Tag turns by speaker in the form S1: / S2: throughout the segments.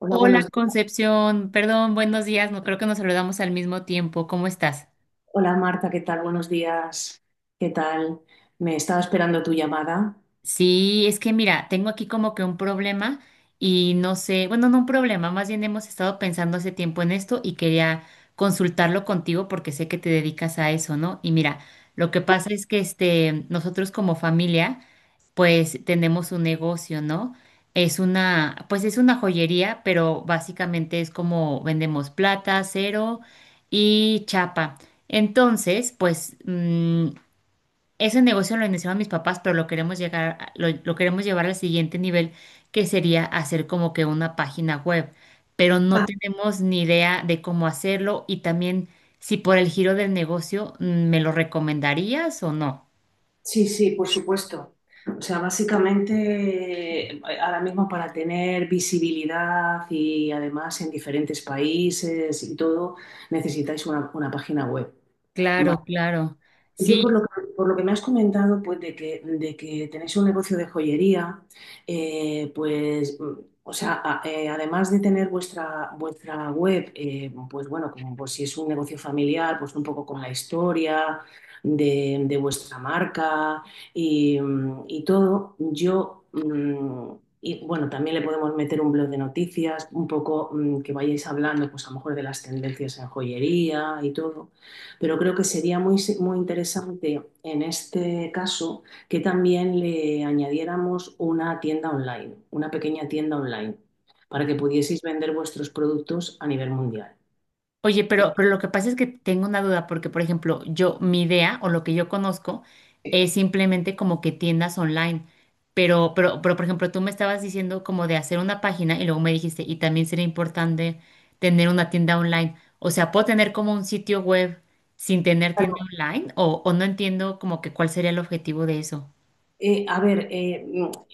S1: Hola,
S2: Hola
S1: buenos días.
S2: Concepción, perdón, buenos días, no creo que nos saludamos al mismo tiempo, ¿cómo estás?
S1: Hola Marta, ¿qué tal? Buenos días. ¿Qué tal? Me estaba esperando tu llamada.
S2: Sí, es que mira, tengo aquí como que un problema y no sé, bueno, no un problema, más bien hemos estado pensando hace tiempo en esto y quería consultarlo contigo porque sé que te dedicas a eso, ¿no? Y mira, lo que pasa es que nosotros como familia pues tenemos un negocio, ¿no? Pues es una joyería, pero básicamente es como vendemos plata, cero y chapa. Entonces, pues ese negocio lo iniciaron mis papás, pero lo queremos llegar, a- lo queremos llevar al siguiente nivel, que sería hacer como que una página web. Pero no
S1: Ah,
S2: tenemos ni idea de cómo hacerlo y también si por el giro del negocio, ¿me lo recomendarías o no?
S1: sí, sí, por supuesto. O sea, básicamente ahora mismo para tener visibilidad y además en diferentes países y todo, necesitáis una página web.
S2: Claro, claro.
S1: Yo por
S2: Sí.
S1: lo que me has comentado, pues de que tenéis un negocio de joyería, eh, pues, mm, o sea, además de tener vuestra web, pues bueno, como pues si es un negocio familiar, pues un poco con la historia de vuestra marca y todo, y bueno, también le podemos meter un blog de noticias, un poco, que vayáis hablando, pues a lo mejor de las tendencias en joyería y todo. Pero creo que sería muy interesante en este caso que también le añadiéramos una tienda online, una pequeña tienda online, para que pudieseis vender vuestros productos a nivel mundial.
S2: Oye, pero, lo que pasa es que tengo una duda, porque por ejemplo, yo, mi idea o lo que yo conozco es simplemente como que tiendas online. Pero por ejemplo, tú me estabas diciendo como de hacer una página y luego me dijiste, y también sería importante tener una tienda online. O sea, ¿puedo tener como un sitio web sin tener tienda online? O no entiendo como que cuál sería el objetivo de eso.
S1: Eh, a ver, eh,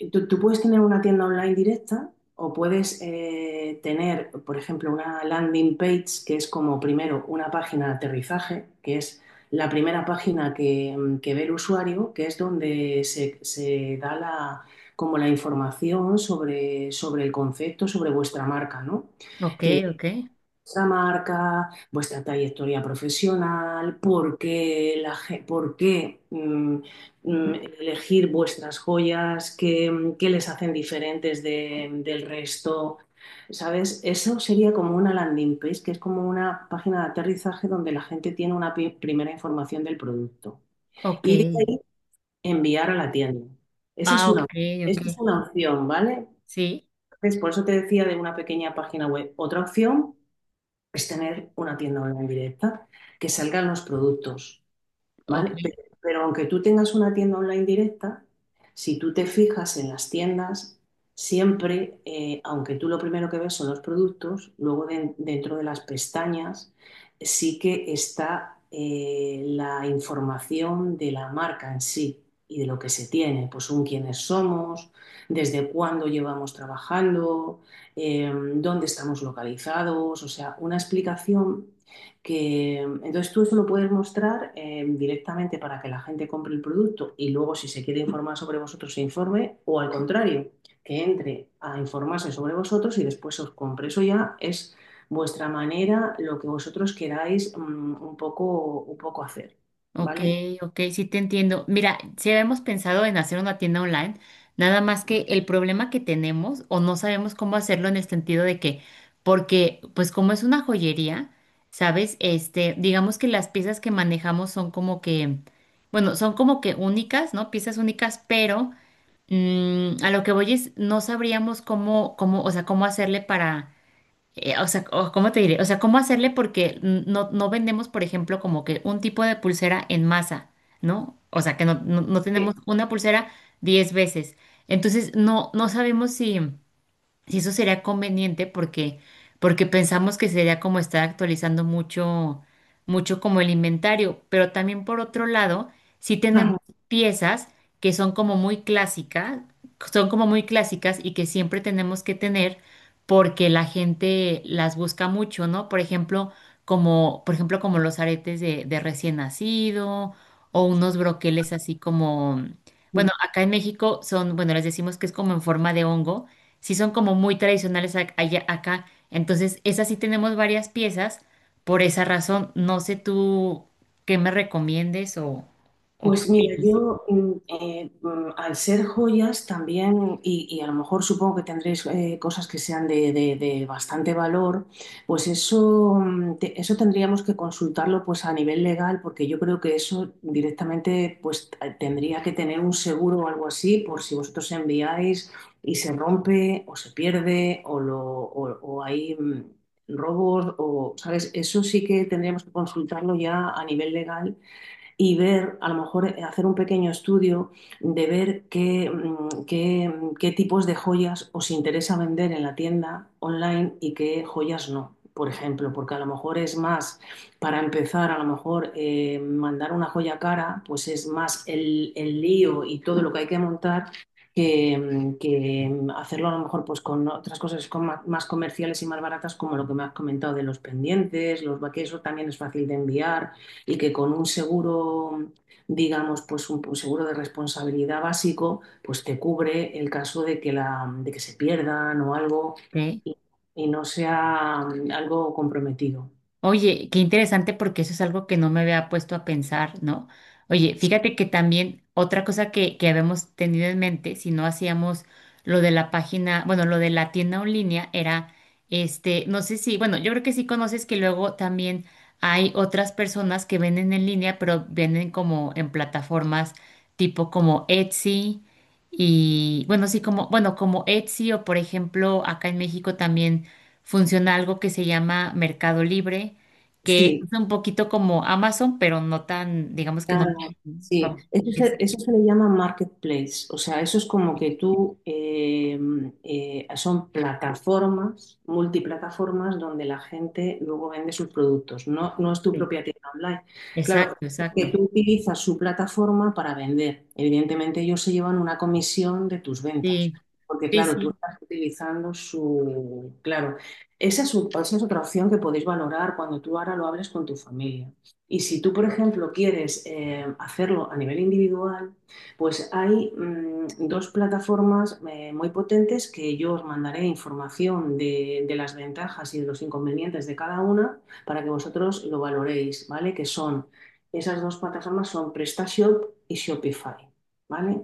S1: mm, Tú puedes tener una tienda online directa o puedes tener, por ejemplo, una landing page, que es como primero una página de aterrizaje, que es la primera página que ve el usuario, que es donde se da como la información sobre el concepto, sobre vuestra marca, ¿no?
S2: Ok, ok,
S1: Vuestra marca, vuestra trayectoria profesional, por qué mm, elegir vuestras joyas, qué les hacen diferentes del resto. ¿Sabes? Eso sería como una landing page, que es como una página de aterrizaje donde la gente tiene una primera información del producto.
S2: ok.
S1: Y de ahí enviar a la tienda. Esa es
S2: Ah,
S1: una,
S2: ok, ok.
S1: esa es una opción, ¿vale?
S2: Sí,
S1: Entonces, por eso te decía de una pequeña página web. Otra opción es tener una tienda online directa, que salgan los productos,
S2: ok.
S1: ¿vale? Pero aunque tú tengas una tienda online directa, si tú te fijas en las tiendas, siempre, aunque tú lo primero que ves son los productos, luego dentro de las pestañas sí que está la información de la marca en sí y de lo que se tiene, pues un quiénes somos, desde cuándo llevamos trabajando, dónde estamos localizados, o sea, una explicación que entonces tú eso lo puedes mostrar directamente para que la gente compre el producto y luego si se quiere informar sobre vosotros se informe, o al contrario, que entre a informarse sobre vosotros y después os compre. Eso ya es vuestra manera, lo que vosotros queráis un poco hacer,
S2: Ok,
S1: ¿vale?
S2: ok, sí te entiendo. Mira, si habíamos pensado en hacer una tienda online, nada más que el problema que tenemos o no sabemos cómo hacerlo en el sentido de que, porque pues como es una joyería, ¿sabes? Digamos que las piezas que manejamos son como que, bueno, son como que únicas, ¿no? Piezas únicas, pero a lo que voy es, no sabríamos o sea, cómo hacerle o sea, ¿cómo te diré? O sea, ¿cómo hacerle? Porque no vendemos, por ejemplo, como que un tipo de pulsera en masa, ¿no? O sea, que no tenemos una pulsera 10 veces. Entonces, no sabemos si. Y eso sería conveniente porque, pensamos que sería como estar actualizando mucho, mucho como el inventario, pero también por otro lado, sí tenemos piezas que son como muy clásicas, son como muy clásicas y que siempre tenemos que tener porque la gente las busca mucho, ¿no? Por ejemplo, como los aretes de recién nacido o unos broqueles así como, bueno, acá en México son, bueno, les decimos que es como en forma de hongo. Sí son como muy tradicionales acá. Entonces, esas sí tenemos varias piezas. Por esa razón, no sé tú qué me recomiendes o qué
S1: Pues mira,
S2: opinas.
S1: al ser joyas también, y a lo mejor supongo que tendréis cosas que sean de, de bastante valor, pues eso, eso tendríamos que consultarlo pues a nivel legal, porque yo creo que eso directamente pues tendría que tener un seguro o algo así, por si vosotros enviáis y se rompe o se pierde o hay robos o, ¿sabes? Eso sí que tendríamos que consultarlo ya a nivel legal y ver, a lo mejor hacer un pequeño estudio de ver qué, qué tipos de joyas os interesa vender en la tienda online y qué joyas no, por ejemplo, porque a lo mejor es más, para empezar, a lo mejor mandar una joya cara, pues es más lío y todo lo que hay que montar hacerlo a lo mejor pues con otras cosas con más, comerciales y más baratas, como lo que me has comentado de los pendientes, los que también es fácil de enviar, y que con un seguro, digamos, pues un seguro de responsabilidad básico, pues te cubre el caso de de que se pierdan o algo
S2: ¿Ok?
S1: y, y no sea algo comprometido.
S2: Oye, qué interesante porque eso es algo que no me había puesto a pensar, ¿no? Oye, fíjate que también otra cosa que habíamos tenido en mente, si no hacíamos lo de la página, bueno, lo de la tienda en línea era, no sé si, bueno, yo creo que sí conoces que luego también hay otras personas que venden en línea, pero venden como en plataformas tipo como Etsy y, bueno, sí, como, bueno, como Etsy o por ejemplo acá en México también funciona algo que se llama Mercado Libre, que
S1: Sí,
S2: es un poquito como Amazon, pero no tan, digamos que no
S1: claro,
S2: tiene.
S1: sí.
S2: pa- Exacto,
S1: Eso se le llama marketplace. O sea, eso es como que tú, son plataformas, multiplataformas, donde la gente luego vende sus productos. No, no es tu propia tienda online. Claro,
S2: exacto,
S1: que
S2: exacto.
S1: tú utilizas su plataforma para vender. Evidentemente ellos se llevan una comisión de tus ventas.
S2: Sí,
S1: Porque
S2: sí,
S1: claro, tú
S2: sí.
S1: estás utilizando su... Claro, esa es otra opción que podéis valorar cuando tú ahora lo hables con tu familia. Y si tú, por ejemplo, quieres hacerlo a nivel individual, pues hay dos plataformas muy potentes, que yo os mandaré información las ventajas y de los inconvenientes de cada una para que vosotros lo valoréis, ¿vale? Esas dos plataformas son PrestaShop y Shopify, ¿vale?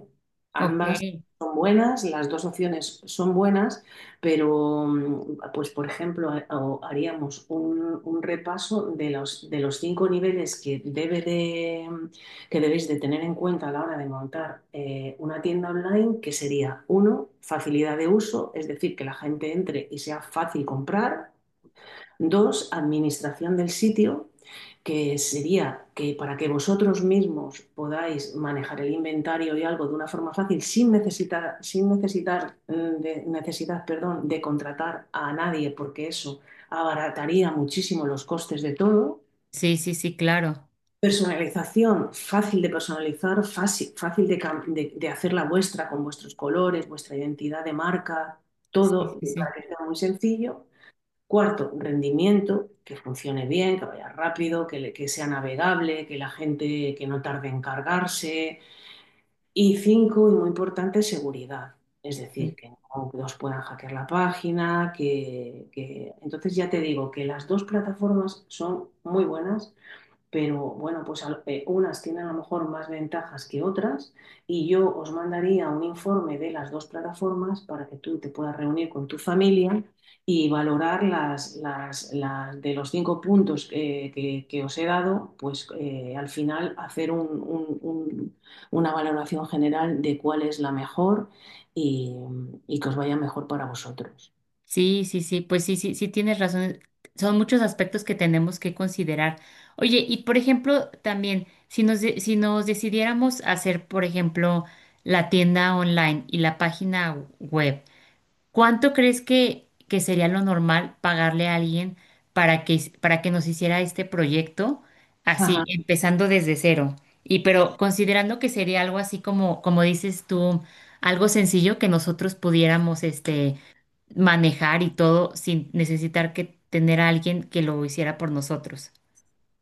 S2: Ok.
S1: Ambas son buenas, las dos opciones son buenas, pero, pues, por ejemplo, haríamos un repaso de de los cinco niveles que debéis de tener en cuenta a la hora de montar una tienda online, que sería, uno, facilidad de uso, es decir, que la gente entre y sea fácil comprar. Dos, administración del sitio, que sería que para que vosotros mismos podáis manejar el inventario y algo de una forma fácil sin necesitar, necesidad, perdón, de contratar a nadie, porque eso abarataría muchísimo los costes de todo.
S2: Sí, sí, sí, claro.
S1: Personalización, fácil de personalizar, fácil, fácil de hacerla vuestra con vuestros colores, vuestra identidad de marca,
S2: Sí,
S1: todo
S2: sí,
S1: para
S2: sí.
S1: que sea muy sencillo. Cuarto, rendimiento, que funcione bien, que vaya rápido, que sea navegable, que la gente que no tarde en cargarse. Y cinco, y muy importante, seguridad. Es decir,
S2: Sí,
S1: que no que os puedan hackear la página, que... Entonces ya te digo que las dos plataformas son muy buenas, pero bueno, pues a unas tienen a lo mejor más ventajas que otras, y yo os mandaría un informe de las dos plataformas para que tú te puedas reunir con tu familia y valorar de los cinco puntos que os he dado, pues al final hacer una valoración general de cuál es la mejor y, y que os vaya mejor para vosotros.
S2: sí, sí, sí, pues sí, sí, sí tienes razón. Son muchos aspectos que tenemos que considerar. Oye, y por ejemplo, también, si nos decidiéramos hacer, por ejemplo, la tienda online y la página web, ¿cuánto crees que sería lo normal pagarle a alguien para que nos hiciera este proyecto así,
S1: Ajá.
S2: empezando desde cero? Y pero considerando que sería algo así como dices tú, algo sencillo que nosotros pudiéramos manejar y todo sin necesitar que tener a alguien que lo hiciera por nosotros.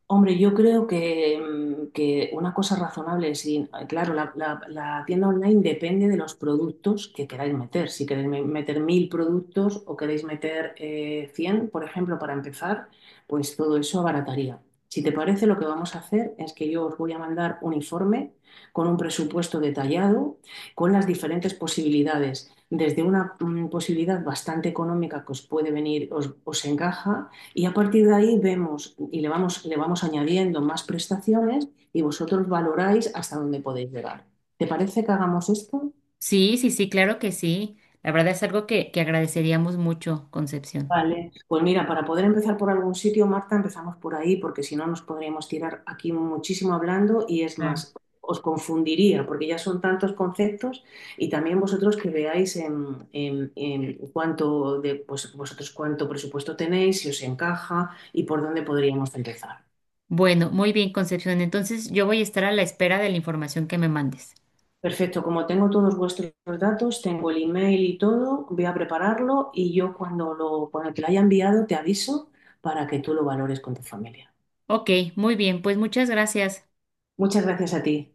S1: Hombre, yo creo que una cosa razonable, sí, claro, la tienda online depende de los productos que queráis meter. Si queréis meter mil productos o queréis meter cien, por ejemplo, para empezar, pues todo eso abarataría. Si te parece, lo que vamos a hacer es que yo os voy a mandar un informe con un presupuesto detallado, con las diferentes posibilidades, desde una posibilidad bastante económica que os puede venir, os encaja, y a partir de ahí vemos y le vamos añadiendo más prestaciones y vosotros valoráis hasta dónde podéis llegar. ¿Te parece que hagamos esto?
S2: Sí, sí, sí, claro que sí. La verdad es algo que agradeceríamos mucho, Concepción.
S1: Vale. Pues mira, para poder empezar por algún sitio, Marta, empezamos por ahí, porque si no nos podríamos tirar aquí muchísimo hablando, y es
S2: Claro.
S1: más, os confundiría, porque ya son tantos conceptos. Y también vosotros, que veáis en cuánto de, pues, vosotros cuánto presupuesto tenéis, si os encaja y por dónde podríamos empezar.
S2: Bueno, muy bien, Concepción. Entonces yo voy a estar a la espera de la información que me mandes.
S1: Perfecto, como tengo todos vuestros datos, tengo el email y todo, voy a prepararlo, y yo cuando cuando te lo haya enviado te aviso para que tú lo valores con tu familia.
S2: Ok, muy bien, pues muchas gracias.
S1: Muchas gracias a ti.